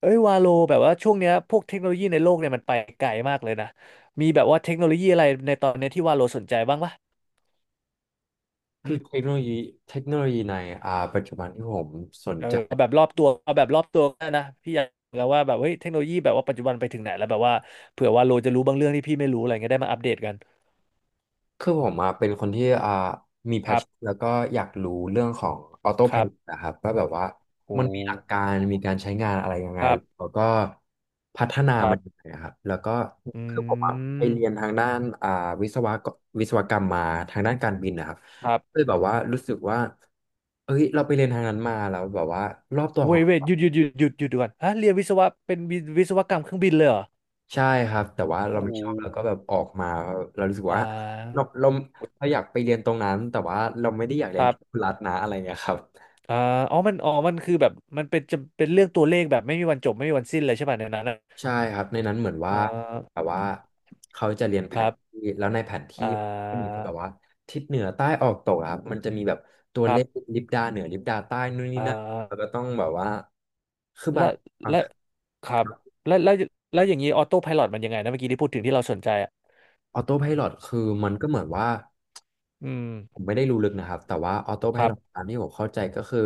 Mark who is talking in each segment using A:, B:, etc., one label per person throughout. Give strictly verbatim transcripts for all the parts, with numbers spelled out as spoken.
A: เอ้ยวาโลแบบว่าช่วงเนี้ยพวกเทคโนโลยีในโลกเนี่ยมันไปไกลมากเลยนะมีแบบว่าเทคโนโลยีอะไรในตอนเนี้ยที่วาโลสนใจบ้างปะ
B: คื
A: อื
B: อ
A: ม
B: เทคโนโลยีเทคโนโลยีในอ่าปัจจุบันที่ผมสน
A: เออ
B: ใจ
A: เอาแบบรอบตัวเอาแบบรอบตัวก็ได้นะพี่อยากรู้แล้วว่าแบบเฮ้ยเทคโนโลยีแบบว่าปัจจุบันไปถึงไหนแล้วแบบว่าเผื่อวาโลจะรู้บางเรื่องที่พี่ไม่รู้อะไรเงี้ยได้มาอัปเดตกัน
B: คือผมอ่ะเป็นคนที่อ่ามีแพ
A: ค
B: ช
A: รั
B: ชั่น
A: บ
B: แล้วก็อยากรู้เรื่องของออโต้
A: ค
B: ไพล
A: รั
B: อต
A: บ
B: นะครับว่าแบบว่า
A: โอ้
B: มันมีหลักการมีการใช้งานอะไรยังไง
A: ครั
B: แล้
A: บ
B: วก็พัฒนา
A: ครั
B: มัน
A: บ
B: ยังไงอะครับแล้วก็
A: อื
B: คือผมอ่ะไป
A: ม
B: เรียนทางด้านอ่าวิศวะวิศวกรรมมาทางด้านการบินนะครับ
A: ครับ
B: เลยแบบว่ารู้สึกว่าเอ้ยเราไปเรียนทางนั้นมาแล้วแบบว่ารอบตัวขอ
A: เว้
B: ง
A: ยเว้ย
B: เรา
A: หยุดหยุดหยุดหยุดหยุดก่อนฮะเรียนวิศวะเป็นวิวิศวกรรมเครื่องบินเลยเหรอ
B: ใช่ครับแต่ว่า
A: โอ้โห
B: เราไม่ชอบเราก็แบบออกมาเรารู้สึก
A: อ่
B: ว่าเรา
A: า
B: เราเราอยากไปเรียนตรงนั้นแต่ว่าเราไม่ได้อยากเรี
A: ค
B: ยน
A: รับ
B: แค่รัฐนะอะไรเงี้ยครับ
A: อ่าอ๋อมันอ๋อมันคือแบบมันเป็นจะเป็นเรื่องตัวเลขแบบไม่มีวันจบไม่มีวันสิ้นเลยใช่ป่ะในนั้นอะ
B: ใช่ครับในนั้นเหมือนว่า
A: อ่
B: แบบ
A: า
B: ว่าเขาจะเรียนแผ
A: ครั
B: น
A: บ
B: ที่แล้วในแผน
A: อ่
B: ที่ก็มี
A: า
B: แบบว่าทิศเหนือใต้ออกตกอะครับมันจะมีแบบตัว
A: ค
B: เล
A: รับ
B: ขลิบดาเหนือลิบดาใต้นู่นนี่
A: อ่
B: นั่นแล้ว
A: า
B: ก็ต้องแบบว่าคือบา
A: และ
B: งบาง
A: และครับแล้วแล้วแล้วอย่างนี้ออโต้ไพลอตมันยังไงนะเมื่อกี้ที่พูดถึงที่เราสนใจอ่ะ
B: ออโต้ไพลอตคือมันก็เหมือนว่า
A: อืม
B: ผมไม่ได้รู้ลึกนะครับแต่ว่าออโต้ไพ
A: ครั
B: ล
A: บ
B: อตตามที่ผมเข้าใจก็คือ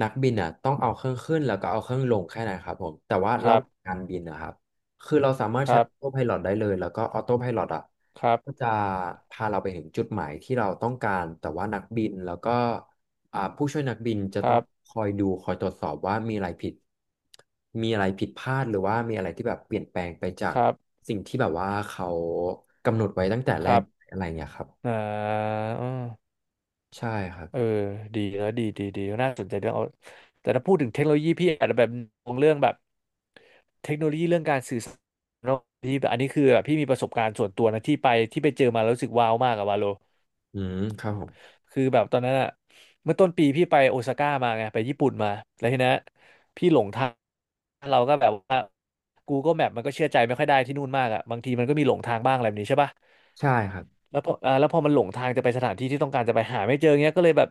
B: นักบินอ่ะต้องเอาเครื่องขึ้นแล้วก็เอาเครื่องลงแค่นั้นครับผมแต่ว่า
A: ค
B: ระ
A: รั
B: ห
A: บ
B: ว่างการบินนะครับคือเราสามารถ
A: ค
B: ใช้
A: รั
B: อ
A: บ
B: อโต้ไพลอตได้เลยแล้วก็ออโต้ไพลอตอ่ะ
A: ครับ
B: ก็จะพาเราไปถึงจุดหมายที่เราต้องการแต่ว่านักบินแล้วก็อ่าผู้ช่วยนักบินจะ
A: ค
B: ต้อ
A: รั
B: ง
A: บ
B: คอยดูคอยตรวจสอบว่ามีอะไรผิดมีอะไรผิดพลาดหรือว่ามีอะไรที่แบบเปลี่ยนแปลงไปจา
A: ค
B: ก
A: รับ
B: สิ่งที่แบบว่าเขากำหนดไว้ตั้งแต่
A: ค
B: แร
A: รั
B: ก
A: บ
B: อะไรเงี้ยครับ
A: อ่า
B: ใช่ครับ
A: เออดีแล้วดีดีดีน่าสนใจเรื่องเอาแต่ถ้าพูดถึงเทคโนโลยีพี่อาจจะแบบมองเรื่องแบบเทคโนโลยีเรื่องการสื่อสารเนอะพี่แบบอันนี้คือแบบพี่มีประสบการณ์ส่วนตัวนะที่ไปที่ไปเจอมาแล้วรู้สึกว้าวมากอะวาโล
B: อืมครับผม
A: คือแบบตอนนั้นอะเมื่อต้นปีพี่ไปโอซาก้ามาไงไปญี่ปุ่นมาแล้วทีนั้นพี่หลงทาง เราก็แบบว่า Google Map มันก็เชื่อใจไม่ค่อยได้ที่นู่นมากอ่ะบางทีมันก็มีหลงทางบ้างอะไรแบบนี้ใช่ป่ะ
B: ใช่ครับ
A: แล้วพออ่าแล้วพอมันหลงทางจะไปสถานที่ที่ต้องการจะไปหาไม่เจอเงี้ยก็เลยแบบ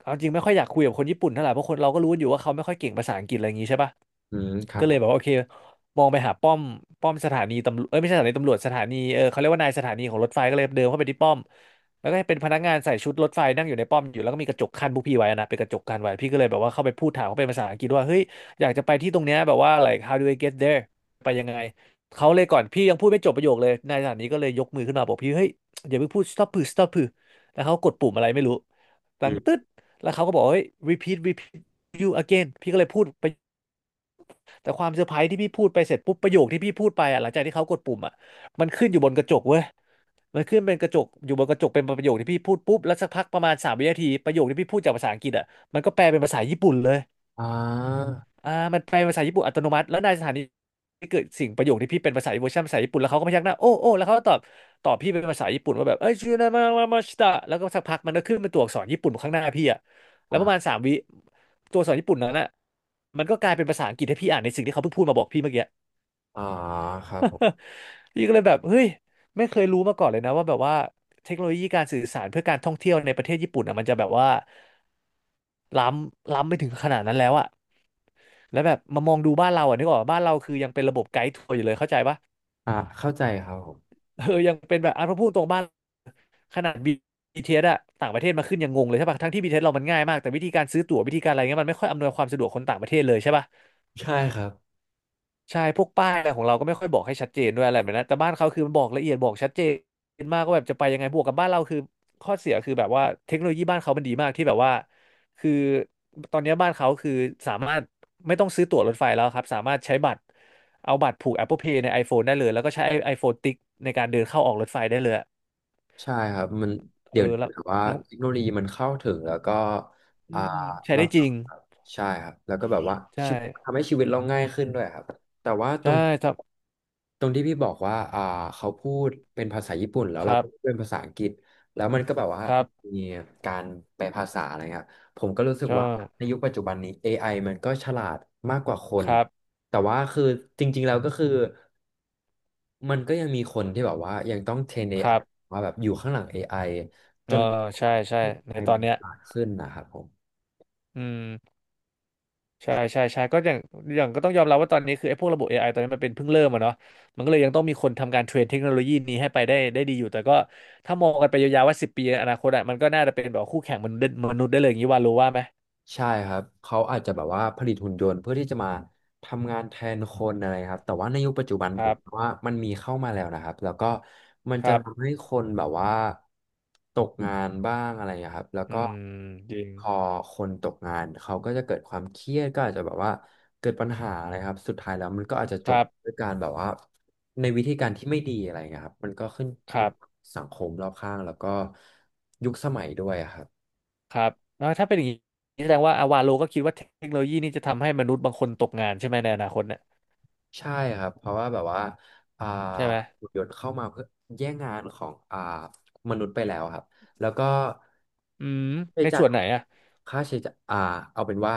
A: เอาจริงไม่ค่อยอยากคุยกับคนญี่ปุ่นเท่าไหร่เพราะคนเราก็รู้อยู่ว่าเขาไม่ค่อยเก่งภาษาอังกฤษอะไรอย่างงี้ใช่ปะ
B: อืมครั
A: ก็
B: บ
A: เล
B: ผ
A: ยแบบว่า
B: ม
A: โอเคมองไปหาป้อมป้อมสถานีตำรวจเอ้ยไม่ใช่สถานีตำรวจสถานีเออเขาเรียกว่านายสถานีของรถไฟก็เลยเดินเข้าไปที่ป้อมแล้วก็เป็นพนักงานใส่ชุดรถไฟนั่งอยู่ในป้อมอยู่แล้วก็มีกระจกกั้นพวกพี่ไว้นะเป็นกระจกกั้นไว้พี่ก็เลยแบบว่าเข้าไปพูดถามเขาเป็นภาษาอังกฤษว่าเฮ้ยอยากจะไปที่ตรงเนี้ยแบบว่า like how do I get there ไปยังไงเขาเลยก่อนพี่ยังพูดไม่จบประโยคเลยนายสถานีก็เลยยกมือขึ้นมาบอกพี่เฮ้ยอย่าเพิ่งพูด stop พือ stop พือแล้วเขากดปุ่มอะไรไม่รู้ดั
B: อื
A: งตึ๊
B: ม
A: ดแล้วเขาก็บอกเฮ้ย repeat repeat you again พี่ก็เลยพูด แต่ความเซอร์ไพรส์ที่พี่พูดไปเสร็จปุ๊บประโยคที่พี่พูดไปอ่ะหลังจากที่เขากดปุ่มอ่ะมันขึ้นอยู่บนกระจกเว้ยมันขึ้นเป็นกระจกอยู่บนกระจกเป็นประโยคที่พี่พูดปุ๊บแล้วสักพักประมาณสามวินาทีประโยคที่พี่พูดจากภาษาอังกฤษอ่ะมันก็แปลเป็นภาษาญี่ปุ่นเลย
B: อ่า
A: อ่ามันแปลเป็นภาษาญี่ปุ่นอัตโนมัติแล้วในสถานีที่เกิดสิ่งประโยคที่พี่เป็นภาษาเวอร์ชันภาษาญี่ปุ่นแล้วเขาก็พยักหน้าโอ้โอ้แล้วเขาก็ตอบตอบพี่เป็นภาษาญี่ปุ่นว่าแบบเอ้ยชูนามามามาชิตะแล้วก็สักพักมันก็ขึ้นเป็นตัวอักษรญี่ปุ่นข้างหน้าพี่อ่ะแล้วประมาณ
B: อ่า
A: สามวิตัวอักษรญี่ปุ่นนั้นอ่ะมันก็กลายเป็นภาษาอังกฤษให้พี่อ่านในสิ่งที่เขาเพิ่งพูดมาบอกพี่เมื่อกี้
B: อ่าครับผ ม
A: พี่ก็เลยแบบเฮ้ยไม่เคยรู้มาก่อนเลยนะว่าแบบว่าเทคโนโลยีการสื่อสารเพื่อการท่องเที่ยวในประเทศญี่ปุ่นอ่ะมันจะแบบว่าล้ำล้ำไปถึงขนาดนั้นแล้วอะแล้วแบบมามองดูบ้านเราอะนึกออกปะบ้านเราคือยังเป็นระบบไกด์ทัวร์อยู่เลยเข้าใจปะ
B: อ่าเข้าใจครับผม
A: เออยังเป็นแบบอ่ะพอพูดตรงบ้านขนาด บี ที เอส อสอะต่างประเทศมาขึ้นยังงงเลยใช่ปะทั้งที่บีทีเ t สเรามันง่ายมากแต่วิธีการซื้อตั๋ววิธีการอะไรเงี้ยมันไม่ค่อยอำนวยความสะดวกคนต่างประเทศเลยใช่ปะ
B: ใช่ครับ
A: ใช่พวกป้ายอะไรของเราก็ไม่ค่อยบอกให้ชัดเจนด้วยอะไรแบบนั้นแต่บ้านเขาคือมันบอกละเอียดบอกชัดเจนมากก็แบบจะไปยังไงบวกกับบ้านเราคือข้อเสียคือแบบว่าเทคโนโลยีบ้านเขามันดีมากที่แบบว่าคือตอนนี้บ้านเขาคือสามารถไม่ต้องซื้อตั๋วรถไฟแล้วครับสามารถใช้บัตรเอาบัตรผูก Apple Pay ใน iPhone ได้เลยแล้วก็ใช้ iPhone ติ๊กในการเดินเข้าออกรถไฟได้เลยอะ
B: ใช่ครับมัน
A: เอ
B: เดี๋ยว
A: อแล้
B: ถื
A: ว
B: อว่า
A: แล้ว
B: เทคโนโลยีมันเข้าถึงแล้วก็
A: อื
B: อ่า
A: มใช้
B: เรา
A: ได้จริง
B: ใช่ครับแล้วก็แบบว่า
A: ใช
B: ชีวิต
A: ่
B: ทำให้ชีวิตเราง่ายขึ้นด้วยครับแต่ว่าตร
A: ใช่
B: ง
A: ครับ
B: ตรงที่พี่บอกว่าอ่าเขาพูดเป็นภาษาญี่ปุ่นแล้ว
A: ค
B: เรา
A: รั
B: ก็
A: บ
B: พูดเป็นภาษาอังกฤษแล้วมันก็แบบว่า
A: ครับ
B: มีการแปลภาษาอะไรครับผมก็รู้สึก
A: ใช่
B: ว่าในยุคปัจจุบันนี้ a อไอมันก็ฉลาดมากกว่าคน
A: ครับ
B: แต่ว่าคือจริงๆแล้วก็คือ มันก็ยังมีคนที่แบบว่ายังต้องเทรน
A: ค
B: เอ ไอ
A: รับ
B: มาแบบอยู่ข้างหลัง เอ ไอ
A: เอ
B: จ
A: อ
B: น
A: ใช่ใช่
B: เอ
A: ใน
B: ไอ
A: ตอ
B: มั
A: น
B: น
A: เนี้ย
B: ฉลาดขึ้นนะครับผม
A: อืม ใช่ใช่ใช่ก็อย่างอย่างก็ต้องยอมรับว่าตอนนี้คือไอ้พวกระบบ เอ ไอ ตอนนี้มันเป็นเพิ่งเริ่มอะเนาะมันก็เลยยังต้องมีคนทำการเทรนเทคโนโลยีนี้ให้ไปได้ได้ดีอยู่แต่ก็ถ้ามองกันไปยาวๆว่าสิบปีในอนาคตอะมันก็น่าจะเป็นแบบคู่แข่งมนุษย์มนุษย์ได้เลยอย่างนี้ว่ารู้ว่าไหม
B: ใช่ครับเขาอาจจะแบบว่าผลิตหุ่นยนต์เพื่อที่จะมาทำงานแทนคนอะไรครับแต่ว่าในยุคปัจจุบัน
A: ค
B: ผ
A: รั
B: ม
A: บ
B: ว่ามันมีเข้ามาแล้วนะครับแล้วก็มัน
A: ค
B: จะ
A: รับ
B: ทำให้คนแบบว่าตกงานบ้างอะไรอย่างเงี้ยครับแล้ว
A: อื
B: ก็
A: มจริง
B: พอคนตกงานเขาก็จะเกิดความเครียดก็อาจจะแบบว่าเกิดปัญหาอะไรครับสุดท้ายแล้วมันก็อาจจะจ
A: ค
B: บ
A: รับ
B: ด้วยการแบบว่าในวิธีการที่ไม่ดีอะไรอย่างเงี้ยครับมันก็ขึ้น
A: ค
B: อยู่
A: รับ
B: กับสังคมรอบข้างแล้วก็ยุคสมัยด้วยอะครับ
A: ครับแล้วถ้าเป็นอย่างนี้แสดงว่าอาวาโลก็คิดว่าเทคโนโลยีนี้จะทำให้มนุษย์บางคนตกงานใช่ไหมในอนาคตเนี่ย
B: ใช่ครับเพราะว่าแบบว่าอ่า
A: ใช่ไหม
B: หุ่นยนต์เข้ามาเพื่อแย่งงานของอ่ามนุษย์ไปแล้วครับแล้วก็
A: อืม
B: ใช้
A: ใน
B: จ่าย
A: ส่วนไหนอะ
B: ค่าใช้จ่ายอ่าเอาเป็นว่า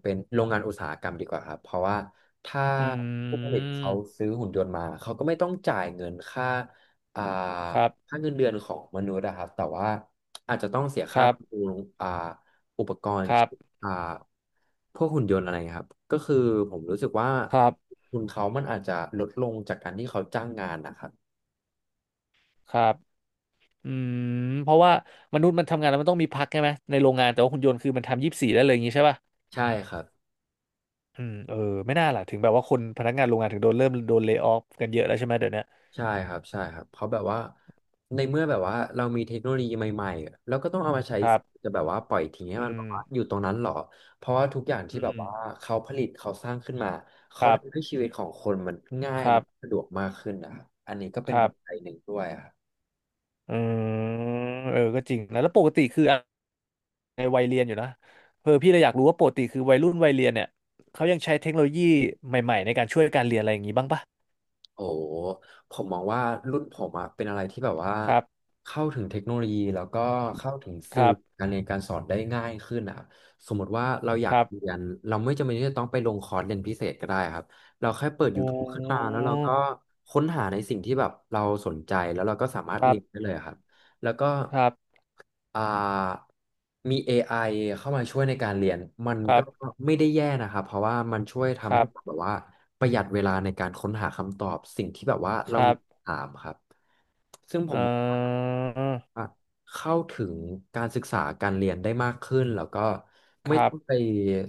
B: เป็นโรงงานอุตสาหกรรมดีกว่าครับเพราะว่าถ้า
A: อื
B: ผู้ผลิตเขา
A: ม
B: ซื้อหุ่นยนต์มาเขาก็ไม่ต้องจ่ายเงินค่าอ่า
A: ครับ
B: ค่าเงินเดือนของมนุษย์นะครับแต่ว่าอาจจะต้องเสีย
A: ค
B: ค่า
A: รับ
B: บำรุงอ่าอุปกรณ์
A: ครับ
B: อ่าพวกหุ่นยนต์อะไรเงี้ยครับก็คือผมรู้สึกว่า
A: ครับ
B: ทุนเขามันอาจจะลดลงจากการที่เขาจ้างงานนะครับ
A: ครับ อืมเพราะว่ามนุษย์มันทำงานแล้วมันต้องมีพักใช่ไหมในโรงงานแต่ว่าหุ่นยนต์คือมันทำยี่สิบสี่ได้เลยอย่างนี้ใช่ป่ะ
B: ใช่ครับ
A: อืมเออไม่น่าล่ะถึงแบบว่าคนพนักงานโรงงานถึงโดนเริ่มโดนเล y o ออฟกันเยอะแล้วใช่ไหมเดี๋ยวเนี้ย
B: ใช่ครับใช่ครับเพราะแบบว่าในเมื่อแบบว่าเรามีเทคโนโลยีใหม่ๆแล้วก็ต้องเอามาใช้
A: ครั
B: สิ
A: บ
B: จะแบบว่าปล่อยทิ้งให้
A: อื
B: มันแบบว่าอ
A: ม
B: ยู่ตรงนั้นหรอเพราะว่าทุกอย่าง
A: อื
B: ที่แบบ
A: ม
B: ว่าเขาผลิตเขาสร้างขึ้นมา
A: ค
B: เขา
A: รั
B: ทำให้
A: บ
B: ชีวิตของคนมันง่าย
A: ครั
B: และ
A: บ
B: สะดวกมากขึ้นนะครับอันนี้ก็เป็
A: ค
B: น
A: รั
B: ปั
A: บ
B: จจัยหนึ่งด้วย
A: อืมเออก็จริงนะแล้วปกติคืออะในวัยเรียนอยู่นะเออพี่เลยอยากรู้ว่าปกติคือวัยรุ่นวัยเรียนเนี่ยเขายังใช้เทคโนโลยีใหม่ๆในการช่วยการเรียนอะไรอย่างนี้บ้างปะ
B: โอ้ผมมองว่ารุ่นผมอะเป็นอะไรที่แบบว่า
A: ครับ
B: เข้าถึงเทคโนโลยีแล้วก็เข้าถึง
A: ค
B: สื่อ
A: รับ
B: การเรียนการสอนได้ง่ายขึ้นอะสมมติว่าเราอ
A: ค
B: ยาก
A: รับ
B: เรียนเราไม่จำเป็นที่จะต้องไปลงคอร์สเรียนพิเศษก็ได้ครับเราแค่เปิด
A: โอ้
B: ยูทูบ ขึ้นมาแล้วเราก็ค้นหาในสิ่งที่แบบเราสนใจแล้วเราก็สามารถ
A: ครั
B: เรียนได้
A: บ
B: เลยครับแล้วก็
A: ครับ
B: อ่ามี เอ ไอ เข้ามาช่วยในการเรียนมัน
A: ครั
B: ก็
A: บ
B: ไม่ได้แย่นะครับเพราะว่ามันช่วย
A: ค
B: ทำ
A: รั
B: ให้
A: บ
B: แบบว่าประหยัดเวลาในการค้นหาคำตอบสิ่งที่แบบว่า
A: ค
B: เรา
A: รั
B: มี
A: บ
B: คำถามครับซึ่งผม
A: เอ่
B: มองว่า
A: อ
B: อ่ะเข้าถึงการศึกษาการเรียนได้มากขึ้นแล้วก็
A: ค
B: ไม่
A: รั
B: ต้
A: บ
B: องไป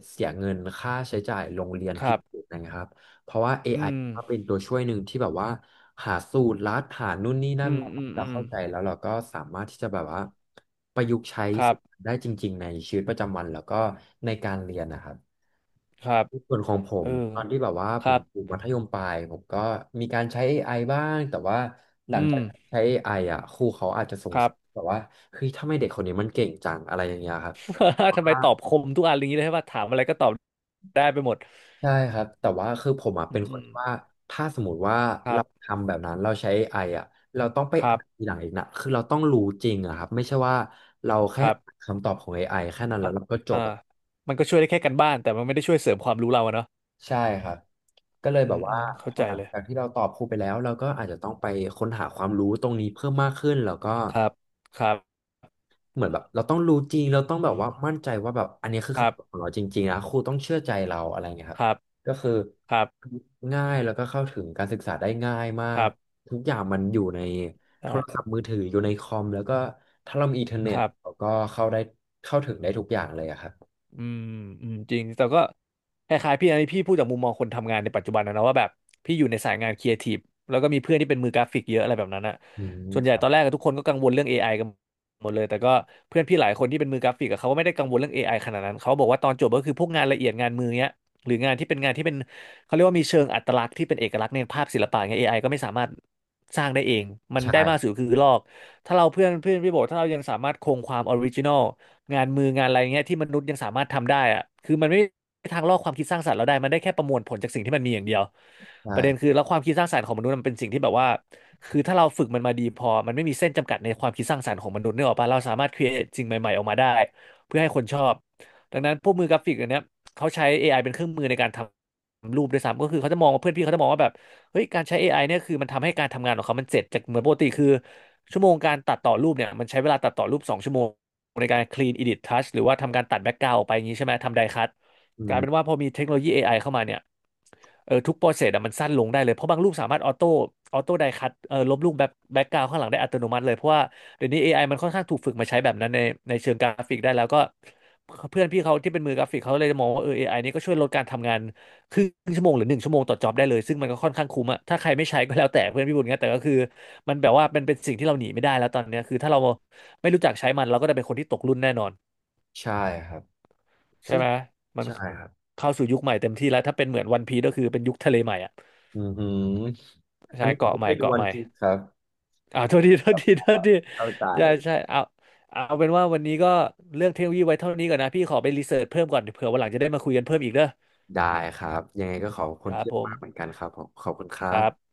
B: เสียเงินค่าใช้จ่ายโรงเรียน
A: ค
B: พิ
A: รั
B: เศ
A: บ
B: ษนะครับ เพราะว่า
A: อื
B: เอ ไอ
A: ม
B: ก็เป็นตัวช่วยหนึ่งที่แบบว่าหาสูตรลัดหานู่นนี่นั่
A: อื
B: น
A: ม
B: มา
A: อื
B: ให้
A: ม
B: เรา
A: อืม
B: เข้าใจแล้วเราก็สามารถที่จะแบบว่าประยุกต์ใช้
A: ครับ
B: สิ่งนั้นได้จริงๆในชีวิตประจำวันแล้วก็ในการเรียนนะครับ
A: ครับ
B: ในส่วนของผ
A: เอ
B: ม
A: อ
B: ตอนที่แบบว่า
A: ค
B: ผ
A: รั
B: ม
A: บ
B: อยู่มัธยมปลายผมก็มีการใช้ เอ ไอ บ้างแต่ว่าหลั
A: อื
B: ง
A: ม
B: จากใช้ เอ ไอ อไออ่ะครูเขาอาจจะส
A: ค
B: ง
A: รั
B: สั
A: บ
B: ยแบบว่าเฮ้ยทำไมเด็กคนนี้มันเก่งจังอะไรอย่างเงี้ยครับ
A: ทำไมตอบคมทุกอันอย่างนี้เลยใช่ป่ะถามอะไรก็ตอบได้ไปหมด
B: ใช่ครับแต่ว่าคือผมอ่ะ
A: อื
B: เป็น
A: ม
B: ค
A: อื
B: น
A: ม
B: ที่ว่าถ้าสมมติว่า
A: ครั
B: เรา
A: บ
B: ทำแบบนั้นเราใช้ไออ่ะเราต้องไป
A: ครั
B: อ่า
A: บ
B: นทีหลังอีกนะคือเราต้องรู้จริงอะครับไม่ใช่ว่าเรา
A: ค
B: แค่
A: รับ
B: อ่านคำตอบของ เอ ไอ แค่นั้นแล้
A: อ่า
B: วเราก็จ
A: อ่า
B: บอะ
A: มันก็ช่วยได้แค่การบ้านแต่มันไม่ได้ช่วยเสริมความรู้เราอะเนาะ
B: ใช่ครับก็เลย
A: อื
B: แบบ
A: มอื
B: ว่า
A: ม
B: พ
A: เข้า
B: อ
A: ใจ
B: หลัง
A: เลย
B: จากที่เราตอบครูไปแล้วเราก็อาจจะต้องไปค้นหาความรู้ตรงนี้เพิ่มมากขึ้นแล้วก็
A: ครับครับ
B: เหมือนแบบเราต้องรู้จริงเราต้องแบบว่ามั่นใจว่าแบบอันนี้คือ
A: ครับ
B: คำตอบของเราจริงๆนะครูต้องเชื่อใจเราอะไรเงี้ยครั
A: ค
B: บ
A: รับ
B: ก็คือ
A: ครับ
B: ง่ายแล้วก็เข้าถึงการศึกษาได้ง่ายมา
A: ค
B: ก
A: รับ
B: ทุกอย่างมันอยู่ในโท
A: ได้
B: รศัพท์มือถืออยู่ในคอมแล้วก็ถ้าเรามีอินเทอร์เน็
A: ค
B: ต
A: รับ
B: เราก็เข้าได้เข้าถึงได้ทุกอย่างเลยอะครับ
A: อืมอืมจริงแต่ก็คล้ายๆพี่อันนี้พี่พูดจากมุมมองคนทำงานในปัจจุบันนะนะว่าแบบพี่อยู่ในสายงานครีเอทีฟแล้วก็มีเพื่อนที่เป็นมือกราฟิกเยอะอะไรแบบนั้นอะ
B: อืม
A: ส่วนให
B: ค
A: ญ่
B: รั
A: ตอ
B: บ
A: นแรกอะทุกคนก็กังวลเรื่อง เอ ไอ กันหมดเลยแต่ก็เพื่อนพี่หลายคนที่เป็นมือกราฟิกอะเขาก็ไม่ได้กังวลเรื่อง เอ ไอ ขนาดนั้นเขาบอกว่าตอนจบก็คือพวกงานละเอียดงานมือเนี้ยหรืองานที่เป็นงานที่เป็นเขาเรียกว่ามีเชิงอัตลักษณ์ที่เป็นเอกลักษณ์ในภาพศิลปะเงี้ยเอไอก็ไม่สามารถสร้างได้เองมันได้มากสุด
B: ใช่
A: คือลอกถ้าเราเพื่อนเพื่อนพี่บอกว่าถ้าเรายังสามารถคงความออริจินอล งานมืองานอะไรเงี้ยที่มนุษย์ยังสามารถทำได้อะคือมันไม่มีทางลอกความคิดสร้างสรรค์เราได้มันได้แค่ประมวลผลจากสิ่งที่มันมีอย่างเดียว
B: ใช่
A: ประเด็นคือแล้วความคิดสร้างสรรค์ของมนุษย์มันเป็นสิ่งที่แบบว่าคือถ้าเราฝึกมันมาดีพอมันไม่มีเส้นจำกัดในความคิดสร้างสรรค์ของมนุษย์เนี่ยหรอกปะเราสามารถครีเอทสิ่งใหม่ๆออกมาได้เพื่อให้คนชอบดังนั้นพวกมือกราฟิกอันเนี้ยเขาใช้ เอ ไอ เป็นเครื่องมือในการทำรูปด้วยซ้ำก็คือเขาจะมองว่าเพื่อนพี่เขาจะมองว่าแบบเฮ้ยการใช้เอไ i เนี่ยคือมันทำให้การทำงานของเขามันเสร็จจากเหมือนปกติคือชั่วโมงการตัดต่อรูปเนี่ยมันใช้เวลาตัดต่อรูปสองชั่วโมง ในการ clean edit touch หรือว่าทำการตัดแบ็กกราวด์ออกไปอย่างนี้ใช่ไหมทำไดคัท
B: อื
A: กลาย
B: ม
A: เป็นว่าพอมีเทคโนโลยี เอ ไอ เข้ามาเนี่ยเออทุกโปรเซสอะมันสั้นลงได้เลยเพราะบางรูปสามารถออโต้ออโต้ไดคัทเออลบรูปแบ็กแบ็กกราวด์ข้างหลังได้อัตโนมัติเลยเพราะว่าเดี๋ยวนี้ เอ ไอ มันค่อนข้างถูกฝึกมาใช้แบบนั้นในในเชิงกราฟิกได้แล้วก็เพื่อนพี่เขาที่เป็นมือกราฟิกเขาเลยมองว่าเออเอไอนี้ก็ช่วยลดการทำงาน ครึ่งชั่วโมงหรือหนึ่งชั่วโมงต่อจ็อบได้เลยซึ่งมันก็ค่อนข้างคุ้มอะถ้าใครไม่ใช้ก็แล้วแต่เพื่อนพี่บุญเงี้ยแต่ก็คือมันแบบว่ามันเป็นสิ่งที่เราหนีไม่ได้แล้วตอนเนี้ยคือถ้าเราไม่รู้จักใช้มันเราก็จะเป็นคนที่ตกรุ่นแน่นอน
B: ใช่ครับ
A: ใช่
B: ซึ่ง
A: ไหมมัน
B: ใช่ครับ
A: เข้าสู่ยุคใหม่เต็มที่แล้วถ้าเป็นเหมือนวันพีก็คือเป็นยุคทะเลใหม่อะ
B: อือหืออั
A: ใช่
B: นนี้ผม
A: เกาะ
B: ไม่
A: ให
B: เค
A: ม่
B: ยดู
A: เกาะ
B: วัน
A: ใหม่
B: พีซครับ
A: อ่าโทษทีโทษทีโทษที
B: เข้าใจ
A: ใช่ใช่เอาเอาเป็นว่าวันนี้ก็เรื่องเทคโนโลยีไว้เท่านี้ก่อนนะพี่ขอไปรีเสิร์ชเพิ่มก่อนเผื่อวันหลังจะได้มาคุยกันเพิ่มอีกเด้อ
B: ได้ครับยังไงก็ขอบ
A: ค
B: คุณ
A: รับ
B: พี่
A: ผม
B: มากเหมือนกันครับผมขอบคุณครั
A: ครับ
B: บ